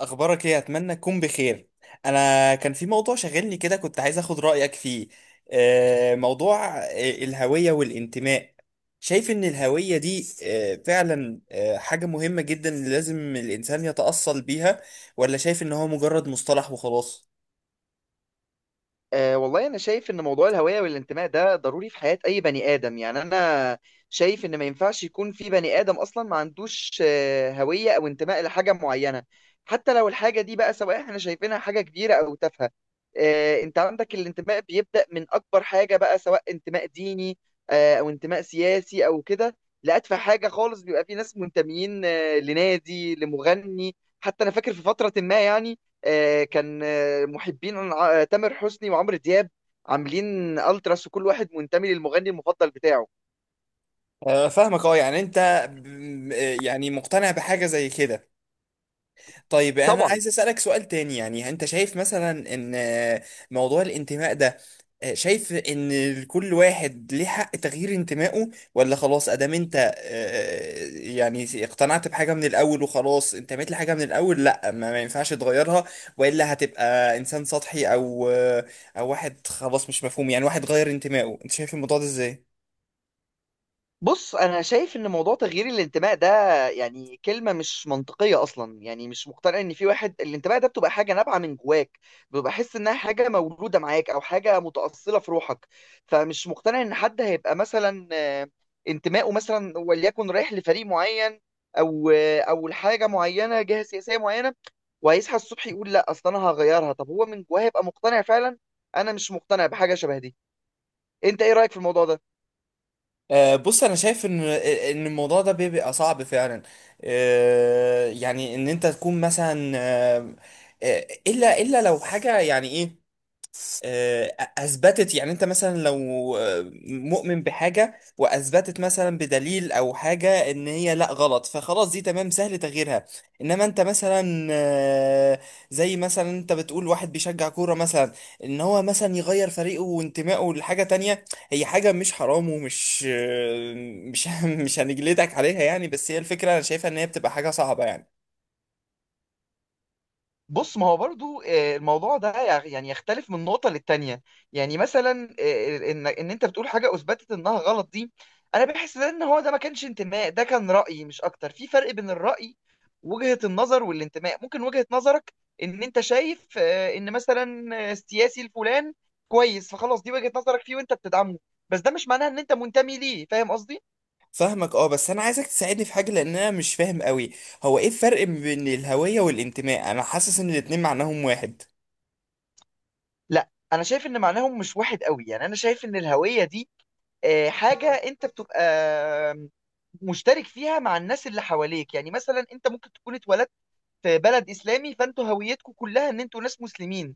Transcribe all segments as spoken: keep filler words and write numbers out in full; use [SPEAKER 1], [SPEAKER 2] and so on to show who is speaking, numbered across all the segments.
[SPEAKER 1] اخبارك ايه؟ اتمنى تكون بخير. انا كان في موضوع شاغلني كده، كنت عايز اخد رايك فيه. آه، موضوع آه، الهويه والانتماء. شايف ان الهويه دي آه، فعلا آه، حاجه مهمه جدا، لازم الانسان يتاصل بيها؟ ولا شايف ان هو مجرد مصطلح وخلاص؟
[SPEAKER 2] أه والله، أنا شايف إن موضوع الهوية والانتماء ده ضروري في حياة أي بني آدم. يعني أنا شايف إن ما ينفعش يكون في بني آدم أصلا ما عندوش آه، هوية أو انتماء لحاجة معينة. حتى لو الحاجة دي بقى سواء إحنا شايفينها حاجة كبيرة أو تافهة. آه، أنت عندك الانتماء بيبدأ من أكبر حاجة بقى، سواء انتماء ديني آه، أو انتماء سياسي أو كده، لأتفه حاجة خالص. بيبقى في ناس منتميين آه، لنادي، لمغني. حتى أنا فاكر في فترة ما، يعني آه، كان آه، محبين ع- آه، تامر حسني وعمرو دياب، عاملين التراس وكل واحد منتمي للمغني المفضل بتاعه.
[SPEAKER 1] آه، فاهمك، اه يعني انت ب- م- آه، يعني مقتنع بحاجه زي كده. طيب، انا
[SPEAKER 2] طبعا.
[SPEAKER 1] عايز اسالك سؤال تاني. يعني انت شايف مثلا ان موضوع الانتماء ده، آه، شايف ان كل واحد ليه حق تغيير انتمائه؟ ولا خلاص ادام انت آه، يعني اقتنعت بحاجه من الاول، وخلاص انتميت لحاجه من الاول، لا ما ما ينفعش تغيرها؟ والا هتبقى انسان سطحي او آه، او واحد خلاص مش مفهوم، يعني واحد غير انتمائه؟ انت شايف الموضوع ده ازاي؟
[SPEAKER 2] بص، انا شايف ان موضوع تغيير الانتماء ده يعني كلمه مش منطقيه اصلا. يعني مش مقتنع ان في واحد الانتماء ده، بتبقى حاجه نابعه من جواك، بتبقى حس انها حاجه مولوده معاك او حاجه متاصله في روحك. فمش مقتنع ان حد هيبقى مثلا آه، انتمائه مثلا وليكن رايح لفريق معين او آه، او لحاجه معينه، جهه سياسيه معينه، وهيصحى الصبح يقول لا اصل انا هغيرها. طب هو من جواه هيبقى مقتنع فعلا؟ انا مش مقتنع بحاجه شبه دي. انت ايه رايك في الموضوع ده؟
[SPEAKER 1] آه، بص، انا شايف ان ان الموضوع ده بيبقى صعب فعلا. آه، يعني ان انت تكون مثلا، آه، آه، الا الا لو حاجه يعني ايه. آه، اثبتت، يعني انت مثلا لو آه، مؤمن بحاجه واثبتت مثلا بدليل او حاجه ان هي لا، غلط، فخلاص دي تمام سهل تغييرها. انما انت مثلا، آه، زي مثلا انت بتقول واحد بيشجع كوره مثلا، ان هو مثلا يغير فريقه وانتمائه لحاجه تانية. هي حاجه مش حرام ومش آه، مش مش هنجلدك عليها يعني، بس هي الفكره انا شايفها ان هي بتبقى حاجه صعبه يعني.
[SPEAKER 2] بص، ما هو برضو آه، الموضوع ده يع- يعني يختلف من نقطة للتانية. يعني مثلا آه، ان ان انت بتقول حاجة اثبتت انها غلط دي، انا بحس ده ان هو ده ما كانش انتماء، ده كان رأي مش اكتر. في فرق بين الرأي، وجهة النظر، والانتماء. ممكن وجهة نظرك ان انت شايف آه، ان مثلا آه، السياسي الفلان كويس، فخلاص دي وجهة نظرك فيه وانت بتدعمه، بس ده مش معناه ان انت منتمي ليه. فاهم قصدي؟
[SPEAKER 1] فاهمك، اه، بس انا عايزك تساعدني في حاجه لان انا مش فاهم قوي. هو ايه الفرق بين الهويه والانتماء؟ انا حاسس ان الاتنين معناهم واحد.
[SPEAKER 2] لا، انا شايف ان معناهم مش واحد قوي. يعني انا شايف ان الهوية دي آه، حاجة انت بتبقى مشترك فيها مع الناس اللي حواليك. يعني مثلا انت ممكن تكون اتولدت في بلد اسلامي، فانتوا هويتكم كلها ان انتوا ناس مسلمين.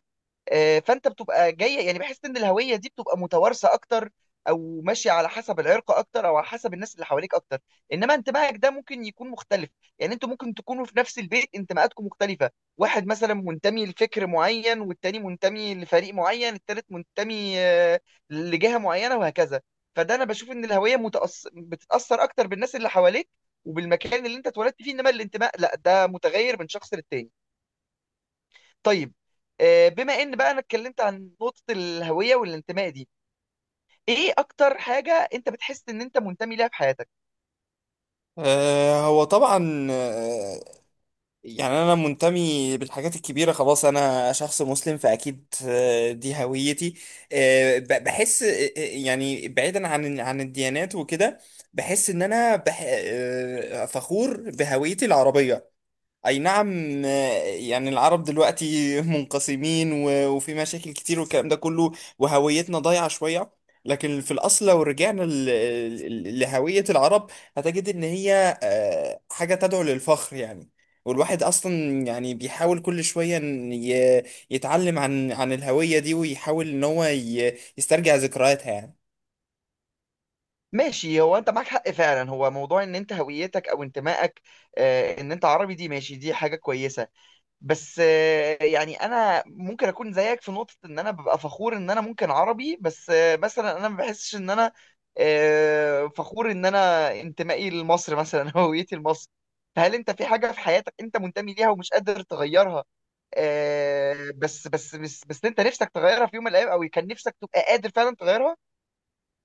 [SPEAKER 2] آه، فانت بتبقى جايه، يعني بحس ان الهويه دي بتبقى متوارثه اكتر، او ماشيه على حسب العرق اكتر، او على حسب الناس اللي حواليك اكتر. انما انتمائك ده ممكن يكون مختلف. يعني انتوا ممكن تكونوا في نفس البيت، انتماءاتكم مختلفه. واحد مثلا منتمي لفكر معين، والتاني منتمي لفريق معين، التالت منتمي آه، لجهه معينه، وهكذا. فده انا بشوف ان الهويه متأث... بتتاثر اكتر بالناس اللي حواليك وبالمكان اللي انت اتولدت فيه، انما الانتماء لا، ده متغير من شخص للتاني. طيب. آه، بما ان بقى انا اتكلمت عن نقطة الهوية والانتماء دي، ايه اكتر حاجة انت بتحس ان انت منتمي ليها في حياتك؟
[SPEAKER 1] آه هو طبعا، آه يعني انا منتمي بالحاجات الكبيره، خلاص انا شخص مسلم فاكيد، آه دي هويتي. آه ب- بحس، آه آه، يعني بعيدا عن عن الديانات وكده. بحس ان انا بح آه فخور بهويتي العربيه. اي نعم، آه، يعني العرب دلوقتي منقسمين و- وفي مشاكل كتير والكلام ده كله. وهويتنا ضايعة شوية. لكن في الاصل لو رجعنا ل- ل- لهوية العرب، هتجد ان هي آه، حاجة تدعو للفخر يعني. والواحد اصلا يعني بيحاول كل شوية إن ي- يتعلم عن عن الهوية دي، ويحاول ان هو ي- يسترجع ذكرياتها يعني.
[SPEAKER 2] ماشي، هو انت معاك حق فعلا. هو موضوع ان انت هويتك او انتمائك آه، ان انت عربي، دي ماشي، دي حاجة كويسة. بس آه، يعني انا ممكن اكون زيك في نقطة ان انا ببقى فخور ان انا ممكن عربي، بس آه، مثلا انا ما بحسش ان انا آه، فخور ان انا انتمائي لمصر مثلا، هويتي لمصر. فهل انت في حاجة في حياتك انت منتمي ليها ومش قادر تغيرها آه، بس بس بس بس انت نفسك تغيرها في يوم من الايام، او كان نفسك تبقى قادر فعلا تغيرها؟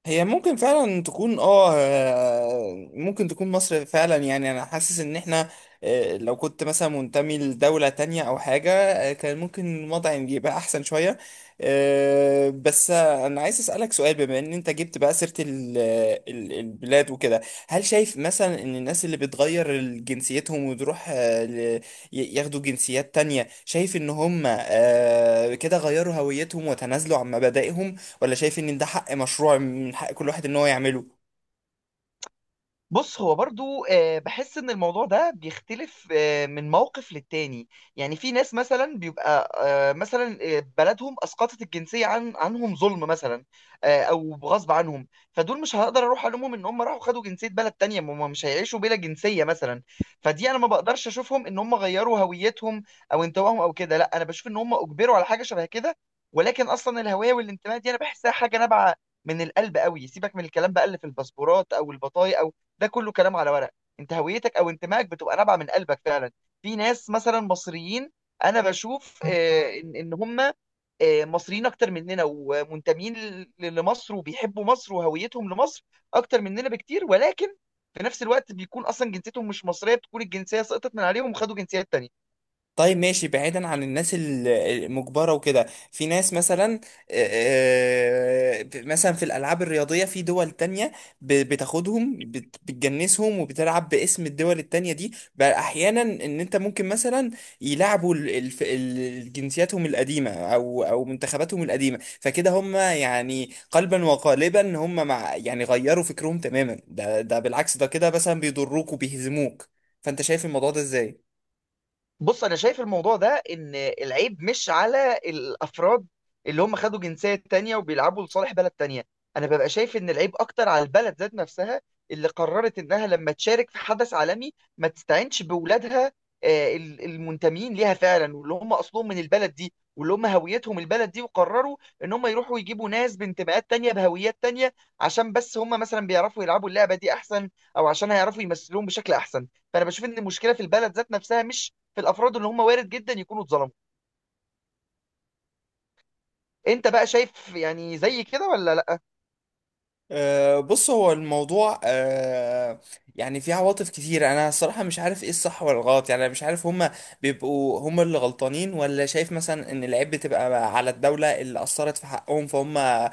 [SPEAKER 1] هي ممكن فعلا تكون، اه آه، ممكن تكون مصر فعلا، يعني انا حاسس ان احنا آه، لو كنت مثلا منتمي لدولة تانية او حاجة، آه، كان ممكن الوضع يبقى احسن شوية. آه، بس آه، انا عايز اسألك سؤال، بما ان انت جبت بقى سيرة ال- ال- البلاد وكده. هل شايف مثلا ان الناس اللي بتغير جنسيتهم وتروح، آه، ل- ي- ياخدوا جنسيات تانية، شايف ان هم آه، كده غيروا هويتهم وتنازلوا عن مبادئهم؟ ولا شايف ان ده حق مشروع من حق كل واحد ان هو يعمله؟
[SPEAKER 2] بص، هو برضو آه، بحس ان الموضوع ده بيختلف آه، من موقف للتاني. يعني في ناس مثلا بيبقى آه، مثلا آه، بلدهم اسقطت الجنسية عن عنهم ظلم مثلا، آه، او غصب عنهم، فدول مش هقدر اروح الومهم ان هم راحوا خدوا جنسية بلد تانية. ما هم مش هيعيشوا بلا جنسية مثلا. فدي انا ما بقدرش اشوفهم ان هم غيروا هويتهم او انتمائهم او كده، لا، انا بشوف ان هم اجبروا على حاجة شبه كده. ولكن اصلا الهوية والانتماء دي انا بحسها حاجة نابعة من القلب قوي. سيبك من الكلام بقى اللي في الباسبورات او البطايق، ده كله كلام على ورق. انت هويتك او انتمائك بتبقى نابعه من قلبك فعلا. في ناس مثلا مصريين، انا بشوف آه، ان ان هم آه، مصريين اكتر مننا، ومنتمين ل- لمصر، وبيحبوا مصر، وهويتهم لمصر اكتر مننا بكتير، ولكن في نفس الوقت بيكون اصلا جنسيتهم مش مصريه، بتكون الجنسيه سقطت من عليهم وخدوا جنسيات تانية.
[SPEAKER 1] طيب ماشي، بعيدا عن الناس ال- المجبرة وكده. في ناس مثلا، آه، آه، مثلا في الألعاب الرياضية في دول تانية ب- بتاخدهم، بت- بتجنسهم وبتلعب باسم الدول التانية دي، بقى أحيانا إن أنت ممكن مثلا يلعبوا ال- الف- ال- جنسياتهم القديمة أو أو منتخباتهم القديمة، فكده هم يعني قلبا وقالبا هم مع، يعني غيروا فكرهم تماما، ده ده بالعكس ده كده مثلا بيضروك وبيهزموك. فأنت شايف الموضوع ده إزاي؟
[SPEAKER 2] بص، انا شايف الموضوع ده ان العيب مش على الافراد اللي هم خدوا جنسية تانية وبيلعبوا لصالح بلد تانية. انا ببقى شايف ان العيب اكتر على البلد ذات نفسها، اللي قررت انها لما تشارك في حدث عالمي ما تستعينش بولادها آه، ال- المنتمين ليها فعلا، واللي هم اصلهم من البلد دي، واللي هم هويتهم البلد دي، وقرروا ان هم يروحوا يجيبوا ناس بانتماءات تانية بهويات تانية، عشان بس هم مثلا بيعرفوا يلعبوا اللعبة دي احسن، او عشان هيعرفوا يمثلوهم بشكل احسن. فانا بشوف ان المشكلة في البلد ذات نفسها، مش في الافراد اللي هم وارد جدا يكونوا اتظلموا. انت بقى شايف يعني زي كده ولا لا؟
[SPEAKER 1] أه، بص، هو الموضوع أه، يعني فيه عواطف كتير، انا الصراحه مش عارف ايه الصح ولا الغلط، يعني انا مش عارف هما بيبقوا هما اللي غلطانين، ولا شايف مثلا ان العيب بتبقى على الدوله اللي اثرت في حقهم، فهم أه،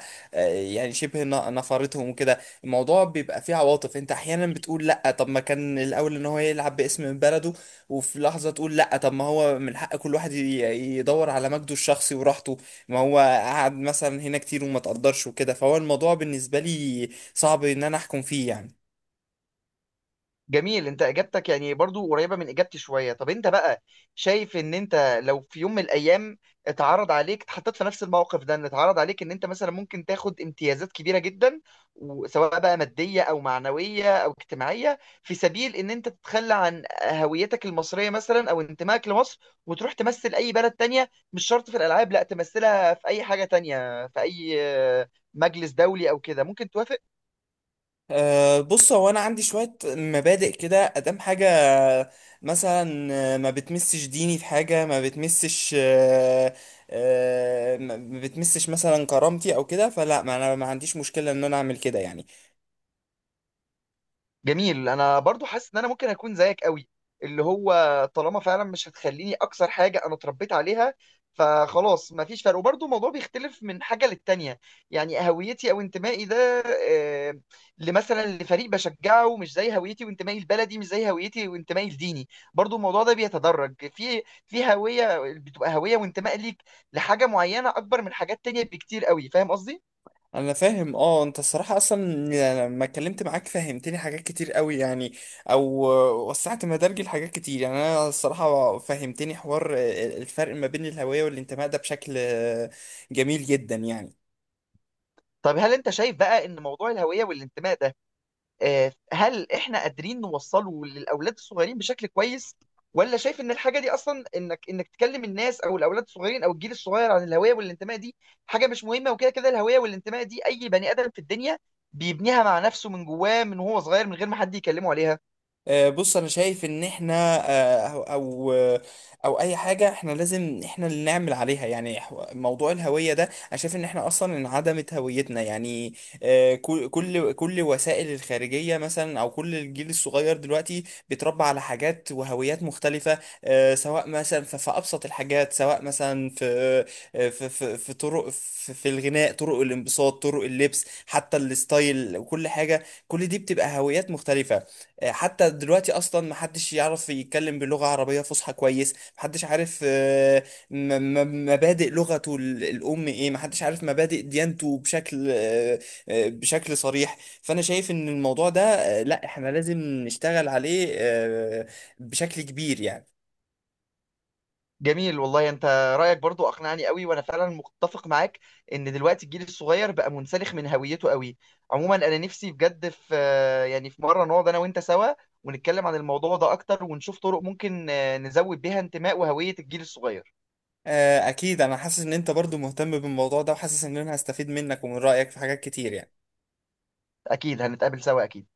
[SPEAKER 1] يعني شبه ن- نفرتهم وكده. الموضوع بيبقى فيه عواطف، انت احيانا بتقول لا طب ما كان الاول ان هو يلعب باسم بلده، وفي لحظه تقول لا طب ما هو من حق كل واحد ي- يدور على مجده الشخصي وراحته. ما هو قعد مثلا هنا كتير وما تقدرش وكده، فهو الموضوع بالنسبة لي صعب ان انا احكم فيه يعني.
[SPEAKER 2] جميل. انت اجابتك يعني برضو قريبة من اجابتي شوية. طب انت بقى شايف ان انت لو في يوم من الايام اتعرض عليك، اتحطيت في نفس الموقف ده، ان اتعرض عليك ان انت مثلا ممكن تاخد امتيازات كبيرة جدا، وسواء بقى مادية او معنوية او اجتماعية، في سبيل ان انت تتخلى عن هويتك المصرية مثلا، او انتمائك لمصر، وتروح تمثل اي بلد تانية، مش شرط في الالعاب، لا تمثلها في اي حاجة تانية، في اي آه، مجلس دولي او كده، ممكن توافق؟
[SPEAKER 1] أه بص، هو انا عندي شوية مبادئ كده، ادام حاجة مثلا آه، ما بتمسش ديني في حاجة، ما بتمسش أه أه ما ما بتمسش مثلا كرامتي او كده، فلا، ما انا ما عنديش مشكلة ان انا اعمل كده يعني.
[SPEAKER 2] جميل. انا برضو حاسس ان انا ممكن اكون زيك قوي، اللي هو طالما فعلا مش هتخليني اكثر حاجه انا اتربيت عليها، فخلاص مفيش فرق. وبرضو الموضوع بيختلف من حاجه للتانيه. يعني هويتي او انتمائي ده آه، لمثلا لفريق بشجعه، مش زي هويتي وانتمائي البلدي، مش زي هويتي وانتمائي الديني. برضو الموضوع ده بيتدرج، في في هويه بتبقى هويه وانتماء ليك لحاجه معينه اكبر من حاجات تانيه بكتير قوي. فاهم قصدي؟
[SPEAKER 1] انا فاهم، اه، انت الصراحه اصلا يعني لما اتكلمت معاك فهمتني حاجات كتير قوي يعني، او وسعت مدارجي لحاجات كتير، يعني انا الصراحه فهمتني حوار الفرق ما بين الهويه والانتماء ده بشكل جميل جدا يعني.
[SPEAKER 2] طب هل انت شايف بقى ان موضوع الهويه والانتماء ده آه، هل احنا قادرين نوصله للاولاد الصغيرين بشكل كويس، ولا شايف ان الحاجه دي اصلا انك انك تكلم الناس او الاولاد الصغيرين او الجيل الصغير عن الهويه والانتماء دي حاجه مش مهمه، وكده كده الهويه والانتماء دي اي بني ادم في الدنيا بيبنيها مع نفسه من جواه من وهو صغير، من غير ما حد يكلمه عليها؟
[SPEAKER 1] آه، بص، انا شايف ان احنا آه، او او او اي حاجه احنا لازم احنا اللي نعمل عليها يعني. حو- موضوع الهويه ده انا شايف ان احنا اصلا انعدمت هويتنا يعني. آه، كل كل كل وسائل الخارجيه مثلا، او كل الجيل الصغير دلوقتي بيتربى على حاجات وهويات مختلفه. آه، سواء مثلا ف- في ابسط الحاجات، سواء مثلا في آه، في في, في طرق، في, في الغناء، طرق الانبساط، طرق اللبس، حتى الستايل وكل حاجه. كل دي بتبقى هويات مختلفه. حتى دلوقتي اصلا محدش يعرف يتكلم بلغة عربية فصحى كويس، محدش عارف آه، م- م- مبادئ لغته ال- الام ايه، محدش عارف مبادئ ديانته بشكل آه، آه، بشكل صريح. فانا شايف ان الموضوع ده آه، لا، احنا لازم نشتغل عليه آه، بشكل كبير يعني.
[SPEAKER 2] جميل والله. انت رايك برضو اقنعني قوي، وانا فعلا متفق معاك ان دلوقتي الجيل الصغير بقى منسلخ من هويته قوي. عموما انا نفسي بجد، في يعني في مره نقعد انا وانت سوا ونتكلم عن الموضوع ده اكتر، ونشوف طرق ممكن آه، نزود بيها انتماء وهويه الجيل الصغير.
[SPEAKER 1] آه، اكيد، انا حاسس ان انت برضو مهتم بالموضوع ده، وحاسس ان انا هستفيد منك ومن رأيك في حاجات كتير يعني.
[SPEAKER 2] اكيد هنتقابل سوا، اكيد.